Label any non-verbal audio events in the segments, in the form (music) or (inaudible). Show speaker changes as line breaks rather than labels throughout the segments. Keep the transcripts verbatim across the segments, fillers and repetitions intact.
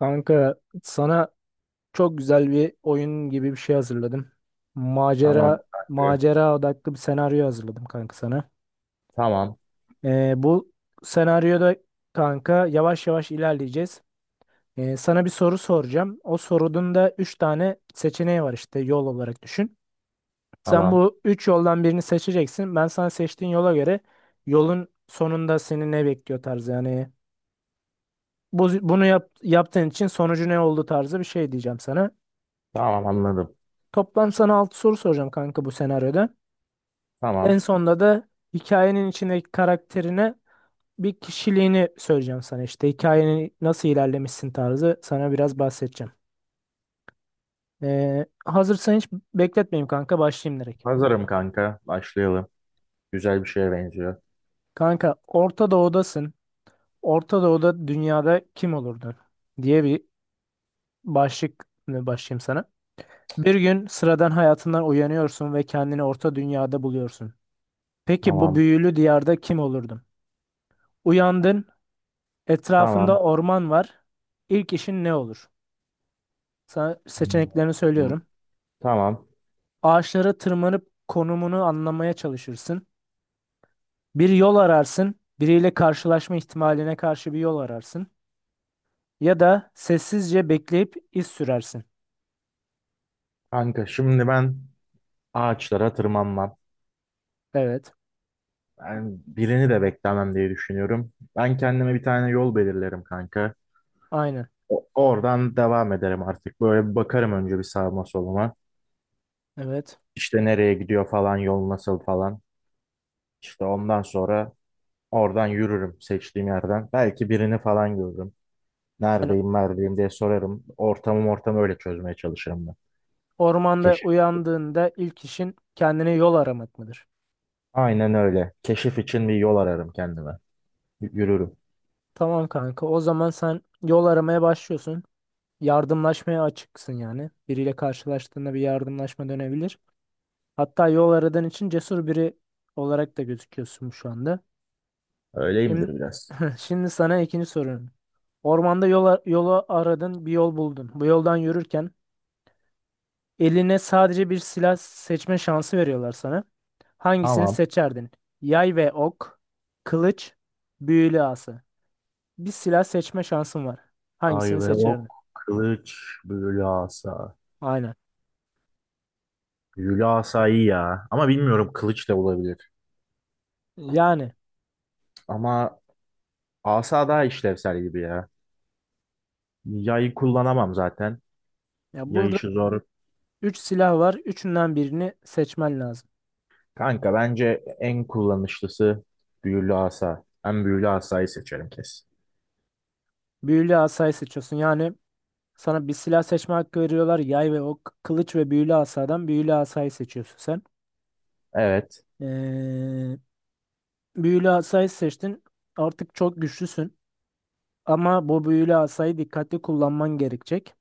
Kanka sana çok güzel bir oyun gibi bir şey hazırladım.
Tamam
Macera
kanka.
macera odaklı bir senaryo hazırladım kanka sana.
Tamam.
Ee, bu senaryoda kanka yavaş yavaş ilerleyeceğiz. Ee, sana bir soru soracağım. O sorunun da üç tane seçeneği var işte yol olarak düşün. Sen
Tamam.
bu üç yoldan birini seçeceksin. Ben sana seçtiğin yola göre yolun sonunda seni ne bekliyor tarzı yani. Bu, bunu yap, yaptığın için sonucu ne oldu tarzı bir şey diyeceğim sana.
Tamam anladım.
Toplam sana altı soru soracağım kanka bu senaryoda. En
Tamam.
sonunda da hikayenin içindeki karakterine bir kişiliğini söyleyeceğim sana işte. Hikayenin nasıl ilerlemişsin tarzı sana biraz bahsedeceğim. Ee, hazırsan hiç bekletmeyeyim kanka başlayayım direkt.
Hazırım kanka. Başlayalım. Güzel bir şeye benziyor.
Kanka Orta Doğu'dasın. Orta Doğu'da dünyada kim olurdun diye bir başlık başlayayım sana. Bir gün sıradan hayatından uyanıyorsun ve kendini Orta Dünya'da buluyorsun. Peki bu
Tamam.
büyülü diyarda kim olurdun? Uyandın. Etrafında
Tamam.
orman var. İlk işin ne olur? Sana seçeneklerini
Hmm,
söylüyorum.
Tamam.
Ağaçlara tırmanıp konumunu anlamaya çalışırsın. Bir yol ararsın. Biriyle karşılaşma ihtimaline karşı bir yol ararsın. Ya da sessizce bekleyip iz sürersin.
Kanka şimdi ben ağaçlara tırmanmam.
Evet.
Ben birini de beklemem diye düşünüyorum. Ben kendime bir tane yol belirlerim kanka.
Aynen.
O- oradan devam ederim artık. Böyle bir bakarım önce bir sağıma soluma.
Evet.
İşte nereye gidiyor falan, yol nasıl falan. İşte ondan sonra oradan yürürüm seçtiğim yerden. Belki birini falan görürüm.
Yani
Neredeyim, neredeyim diye sorarım. Ortamım ortamı öyle çözmeye çalışırım ben.
ormanda
Keşif.
uyandığında ilk işin kendine yol aramak mıdır?
Aynen öyle. Keşif için bir yol ararım kendime. Y- Yürürüm.
Tamam kanka. O zaman sen yol aramaya başlıyorsun. Yardımlaşmaya açıksın yani. Biriyle karşılaştığında bir yardımlaşma dönebilir. Hatta yol aradan için cesur biri olarak da gözüküyorsun şu anda.
Öyleyimdir
Şimdi,
biraz.
(laughs) şimdi sana ikinci sorum. Ormanda yola, yola aradın, bir yol buldun. Bu yoldan yürürken eline sadece bir silah seçme şansı veriyorlar sana. Hangisini
Tamam.
seçerdin? Yay ve ok, kılıç, büyülü asa. Bir silah seçme şansın var.
Ay
Hangisini
ve ok,
seçerdin?
kılıç, büyülü asa.
Aynen.
Büyülü asa iyi ya. Ama bilmiyorum kılıç da olabilir.
Yani
Ama asa daha işlevsel gibi ya. Yayı kullanamam zaten.
ya
Yay
burada
işi zor.
üç silah var. Üçünden birini seçmen lazım.
Kanka bence en kullanışlısı büyülü asa. Ben büyülü asayı seçerim kesin.
Büyülü asayı seçiyorsun. Yani sana bir silah seçme hakkı veriyorlar. Yay ve ok, kılıç ve büyülü asadan büyülü asayı seçiyorsun sen.
Evet.
Ee, büyülü asayı seçtin. Artık çok güçlüsün. Ama bu büyülü asayı dikkatli kullanman gerekecek.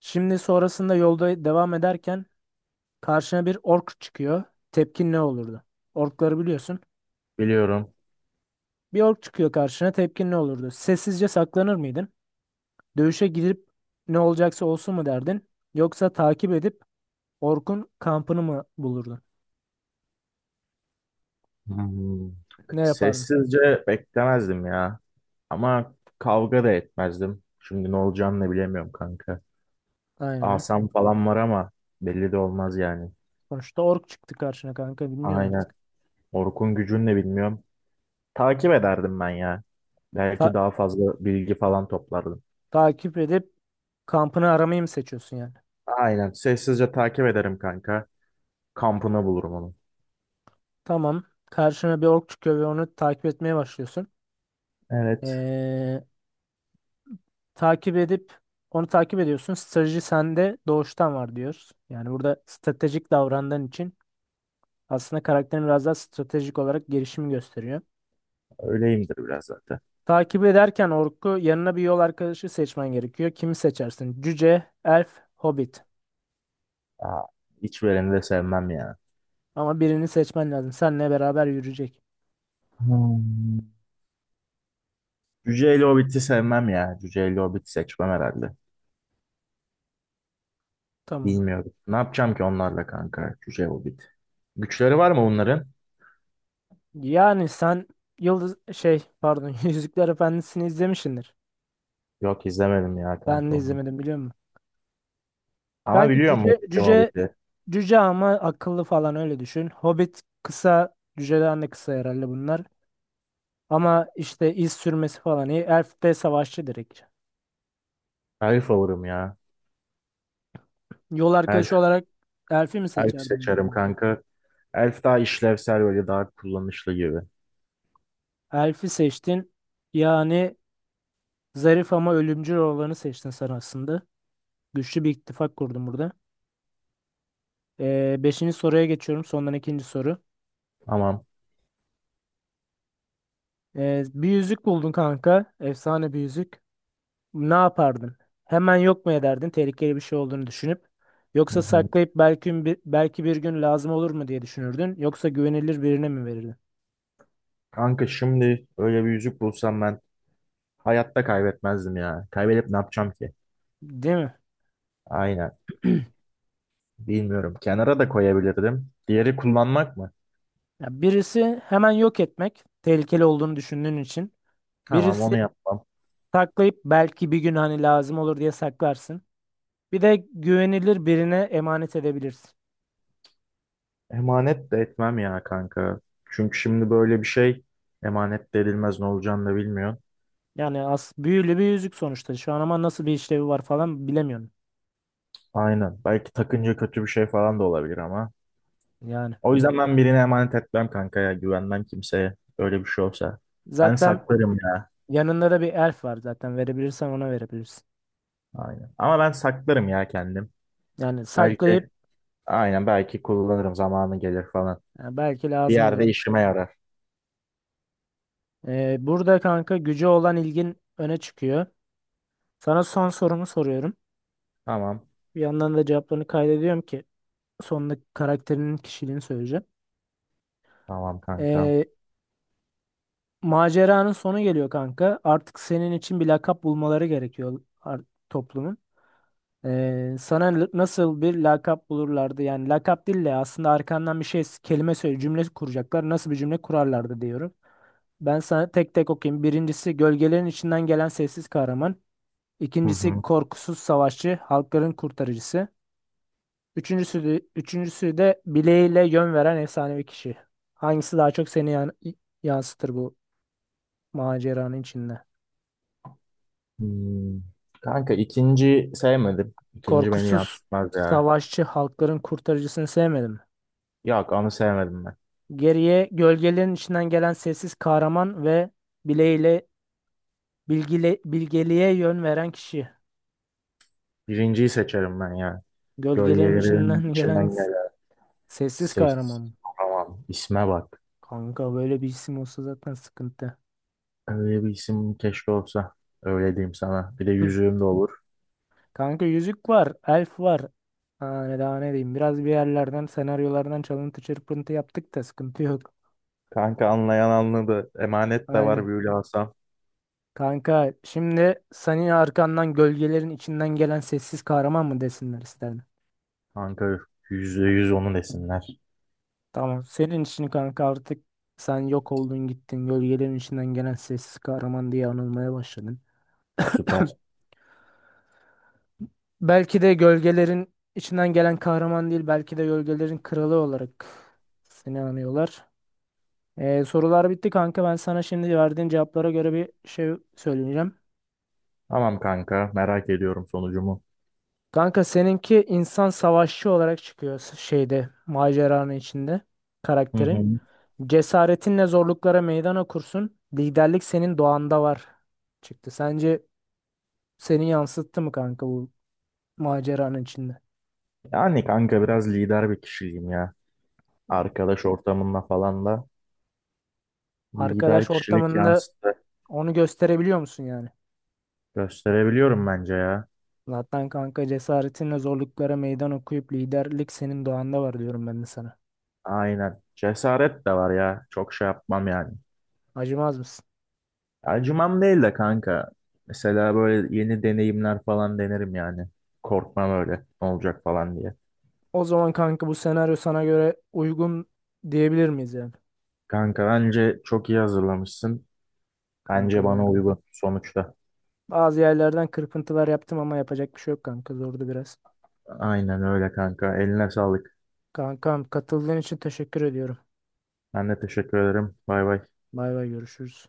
Şimdi sonrasında yolda devam ederken karşına bir ork çıkıyor. Tepkin ne olurdu? Orkları biliyorsun.
Biliyorum.
Bir ork çıkıyor karşına tepkin ne olurdu? Sessizce saklanır mıydın? Dövüşe girip ne olacaksa olsun mu derdin? Yoksa takip edip orkun kampını mı bulurdun?
Hmm.
Ne yapardın?
Sessizce beklemezdim ya. Ama kavga da etmezdim. Şimdi ne olacağını da bilemiyorum kanka.
Aynen.
Asam falan var ama belli de olmaz yani.
Sonuçta ork çıktı karşına kanka bilmiyorum
Aynen.
artık.
Orkun gücünü de bilmiyorum. Takip ederdim ben ya. Belki
Ta-
daha fazla bilgi falan toplardım.
takip edip kampını aramayı mı seçiyorsun yani?
Aynen. Sessizce takip ederim kanka. Kampına bulurum onu.
Tamam. Karşına bir ork çıkıyor ve onu takip etmeye başlıyorsun.
Evet.
Ee, takip edip onu takip ediyorsun. Strateji sende doğuştan var diyoruz. Yani burada stratejik davrandığın için aslında karakterin biraz daha stratejik olarak gelişimi gösteriyor.
Öyleyimdir biraz zaten.
Takip ederken orku yanına bir yol arkadaşı seçmen gerekiyor. Kimi seçersin? Cüce, elf, hobbit.
Aa, hiç vereni de sevmem ya.
Ama birini seçmen lazım. Seninle beraber yürüyecek.
Hmm. Cüce ile Hobbit'i sevmem ya. Cüce ile Hobbit'i seçmem herhalde.
Tamam.
Bilmiyorum. Ne yapacağım ki onlarla kanka? Cüce Hobbit. Güçleri var mı bunların?
Yani sen Yıldız şey pardon (laughs) Yüzükler Efendisi'ni izlemişsindir.
Yok izlemedim ya
Ben
kanka
de
onu.
izlemedim biliyor musun?
Ama
Kanki
biliyorum
cüce
Hobbit'i
cüce
Hobbit'i.
cüce ama akıllı falan öyle düşün. Hobbit kısa cüceden de kısa herhalde bunlar. Ama işte iz sürmesi falan iyi. Elf de savaşçı direkt.
Elf olurum ya.
Yol arkadaşı
Elf,
olarak Elf'i mi
elf
seçerdin bu
seçerim
durumda?
kanka. Elf daha işlevsel böyle daha kullanışlı gibi.
Elf'i seçtin. Yani zarif ama ölümcül olanı seçtin sen aslında. Güçlü bir ittifak kurdun burada. Ee, beşinci soruya geçiyorum. Sondan ikinci soru.
Tamam.
Ee, bir yüzük buldun kanka. Efsane bir yüzük. Ne yapardın? Hemen yok mu ederdin tehlikeli bir şey olduğunu düşünüp?
Hı
Yoksa
hı.
saklayıp belki bir, belki bir gün lazım olur mu diye düşünürdün? Yoksa güvenilir birine mi verirdin?
Kanka şimdi öyle bir yüzük bulsam ben hayatta kaybetmezdim ya. Kaybedip ne yapacağım ki?
Değil mi?
Aynen. Bilmiyorum. Kenara da koyabilirdim. Diğeri kullanmak mı?
Ya birisi hemen yok etmek tehlikeli olduğunu düşündüğün için.
Tamam
Birisi
onu yapmam.
saklayıp belki bir gün hani lazım olur diye saklarsın. Bir de güvenilir birine emanet edebilirsin.
Emanet de etmem ya kanka. Çünkü şimdi böyle bir şey emanet de edilmez ne olacağını da bilmiyor.
Yani as büyülü bir yüzük sonuçta. Şu an ama nasıl bir işlevi var falan bilemiyorum.
Aynen. Belki takınca kötü bir şey falan da olabilir ama.
Yani.
O yüzden ben birine emanet etmem kanka ya. Güvenmem kimseye. Öyle bir şey olsa. Ben
Zaten
saklarım ya.
yanında da bir elf var zaten. Verebilirsen ona verebilirsin.
Aynen. Ama ben saklarım ya kendim.
Yani saklayıp
Belki aynen belki kullanırım zamanı gelir falan.
yani belki
Bir
lazım
yerde
olur.
işime yarar.
Ee, burada kanka gücü olan ilgin öne çıkıyor. Sana son sorumu soruyorum.
Tamam.
Bir yandan da cevaplarını kaydediyorum ki sonunda karakterinin kişiliğini söyleyeceğim.
Tamam kanka.
Ee, maceranın sonu geliyor kanka. Artık senin için bir lakap bulmaları gerekiyor ar- toplumun. Ee, sana l- nasıl bir lakap bulurlardı? Yani lakap değil de aslında arkandan bir şey kelime söyle cümle kuracaklar. Nasıl bir cümle kurarlardı diyorum. Ben sana tek tek okuyayım. Birincisi gölgelerin içinden gelen sessiz kahraman.
Hı
İkincisi
hı.
korkusuz savaşçı, halkların kurtarıcısı. Üçüncüsü de, üçüncüsü de bileğiyle yön veren efsanevi kişi. Hangisi daha çok seni yan- yansıtır bu maceranın içinde?
Hmm. Kanka ikinci sevmedim. İkinci beni
Korkusuz
yansıtmaz ya.
savaşçı, halkların kurtarıcısını sevmedim.
Yok onu sevmedim.
Geriye gölgelerin içinden gelen sessiz kahraman ve bileğiyle bilgile, bilgeliğe yön veren kişi.
Birinciyi seçerim ben ya.
Gölgelerin
Gölgelerin
içinden (laughs) gelen
içinden
s-
gelen
sessiz kahraman
ses.
mı?
Tamam. İsme bak.
Kanka böyle bir isim olsa zaten sıkıntı.
Öyle bir isim keşke olsa. Öyle diyeyim sana. Bir de
Hı.
yüzüğüm de olur.
Kanka yüzük var, elf var. Ha, ne daha ne diyeyim. Biraz bir yerlerden, senaryolardan çalıntı çırpıntı yaptık da sıkıntı yok.
Kanka anlayan anladı. Emanet de var
Aynen.
böyle alsam.
Kanka şimdi senin arkandan gölgelerin içinden gelen sessiz kahraman mı desinler isterim.
Kanka yüzde yüz onu desinler.
Tamam. Senin için kanka artık sen yok oldun gittin. Gölgelerin içinden gelen sessiz kahraman diye anılmaya başladın. (coughs)
Süper.
(clears throat) Belki de gölgelerin içinden gelen kahraman değil. Belki de gölgelerin kralı olarak seni anıyorlar. Ee, sorular bitti kanka. Ben sana şimdi verdiğin cevaplara göre bir şey söyleyeceğim.
Tamam kanka. Merak ediyorum sonucumu.
Kanka seninki insan savaşçı olarak çıkıyor s- şeyde maceranın içinde
Hı
karakterin.
hı.
Cesaretinle zorluklara meydan okursun. Liderlik senin doğanda var çıktı. Sence seni yansıttı mı kanka bu maceranın içinde?
Yani kanka biraz lider bir kişiyim ya. Arkadaş ortamında falan da lider
Arkadaş
kişilik
ortamında
yansıtı
onu gösterebiliyor musun yani?
gösterebiliyorum bence ya.
Zaten kanka cesaretinle zorluklara meydan okuyup liderlik senin doğanda var diyorum ben de sana.
Aynen. Cesaret de var ya. Çok şey yapmam yani.
Acımaz mısın?
Acımam değil de kanka. Mesela böyle yeni deneyimler falan denerim yani. Korkmam öyle. Ne olacak falan diye.
O zaman kanka bu senaryo sana göre uygun diyebilir miyiz yani?
Kanka bence çok iyi hazırlamışsın. Bence
Kankam
bana
yani.
uygun sonuçta.
Bazı yerlerden kırpıntılar yaptım ama yapacak bir şey yok kanka zordu biraz.
Aynen öyle kanka. Eline sağlık.
Kankam katıldığın için teşekkür ediyorum.
Ben de teşekkür ederim. Bay bay.
Bay bay görüşürüz.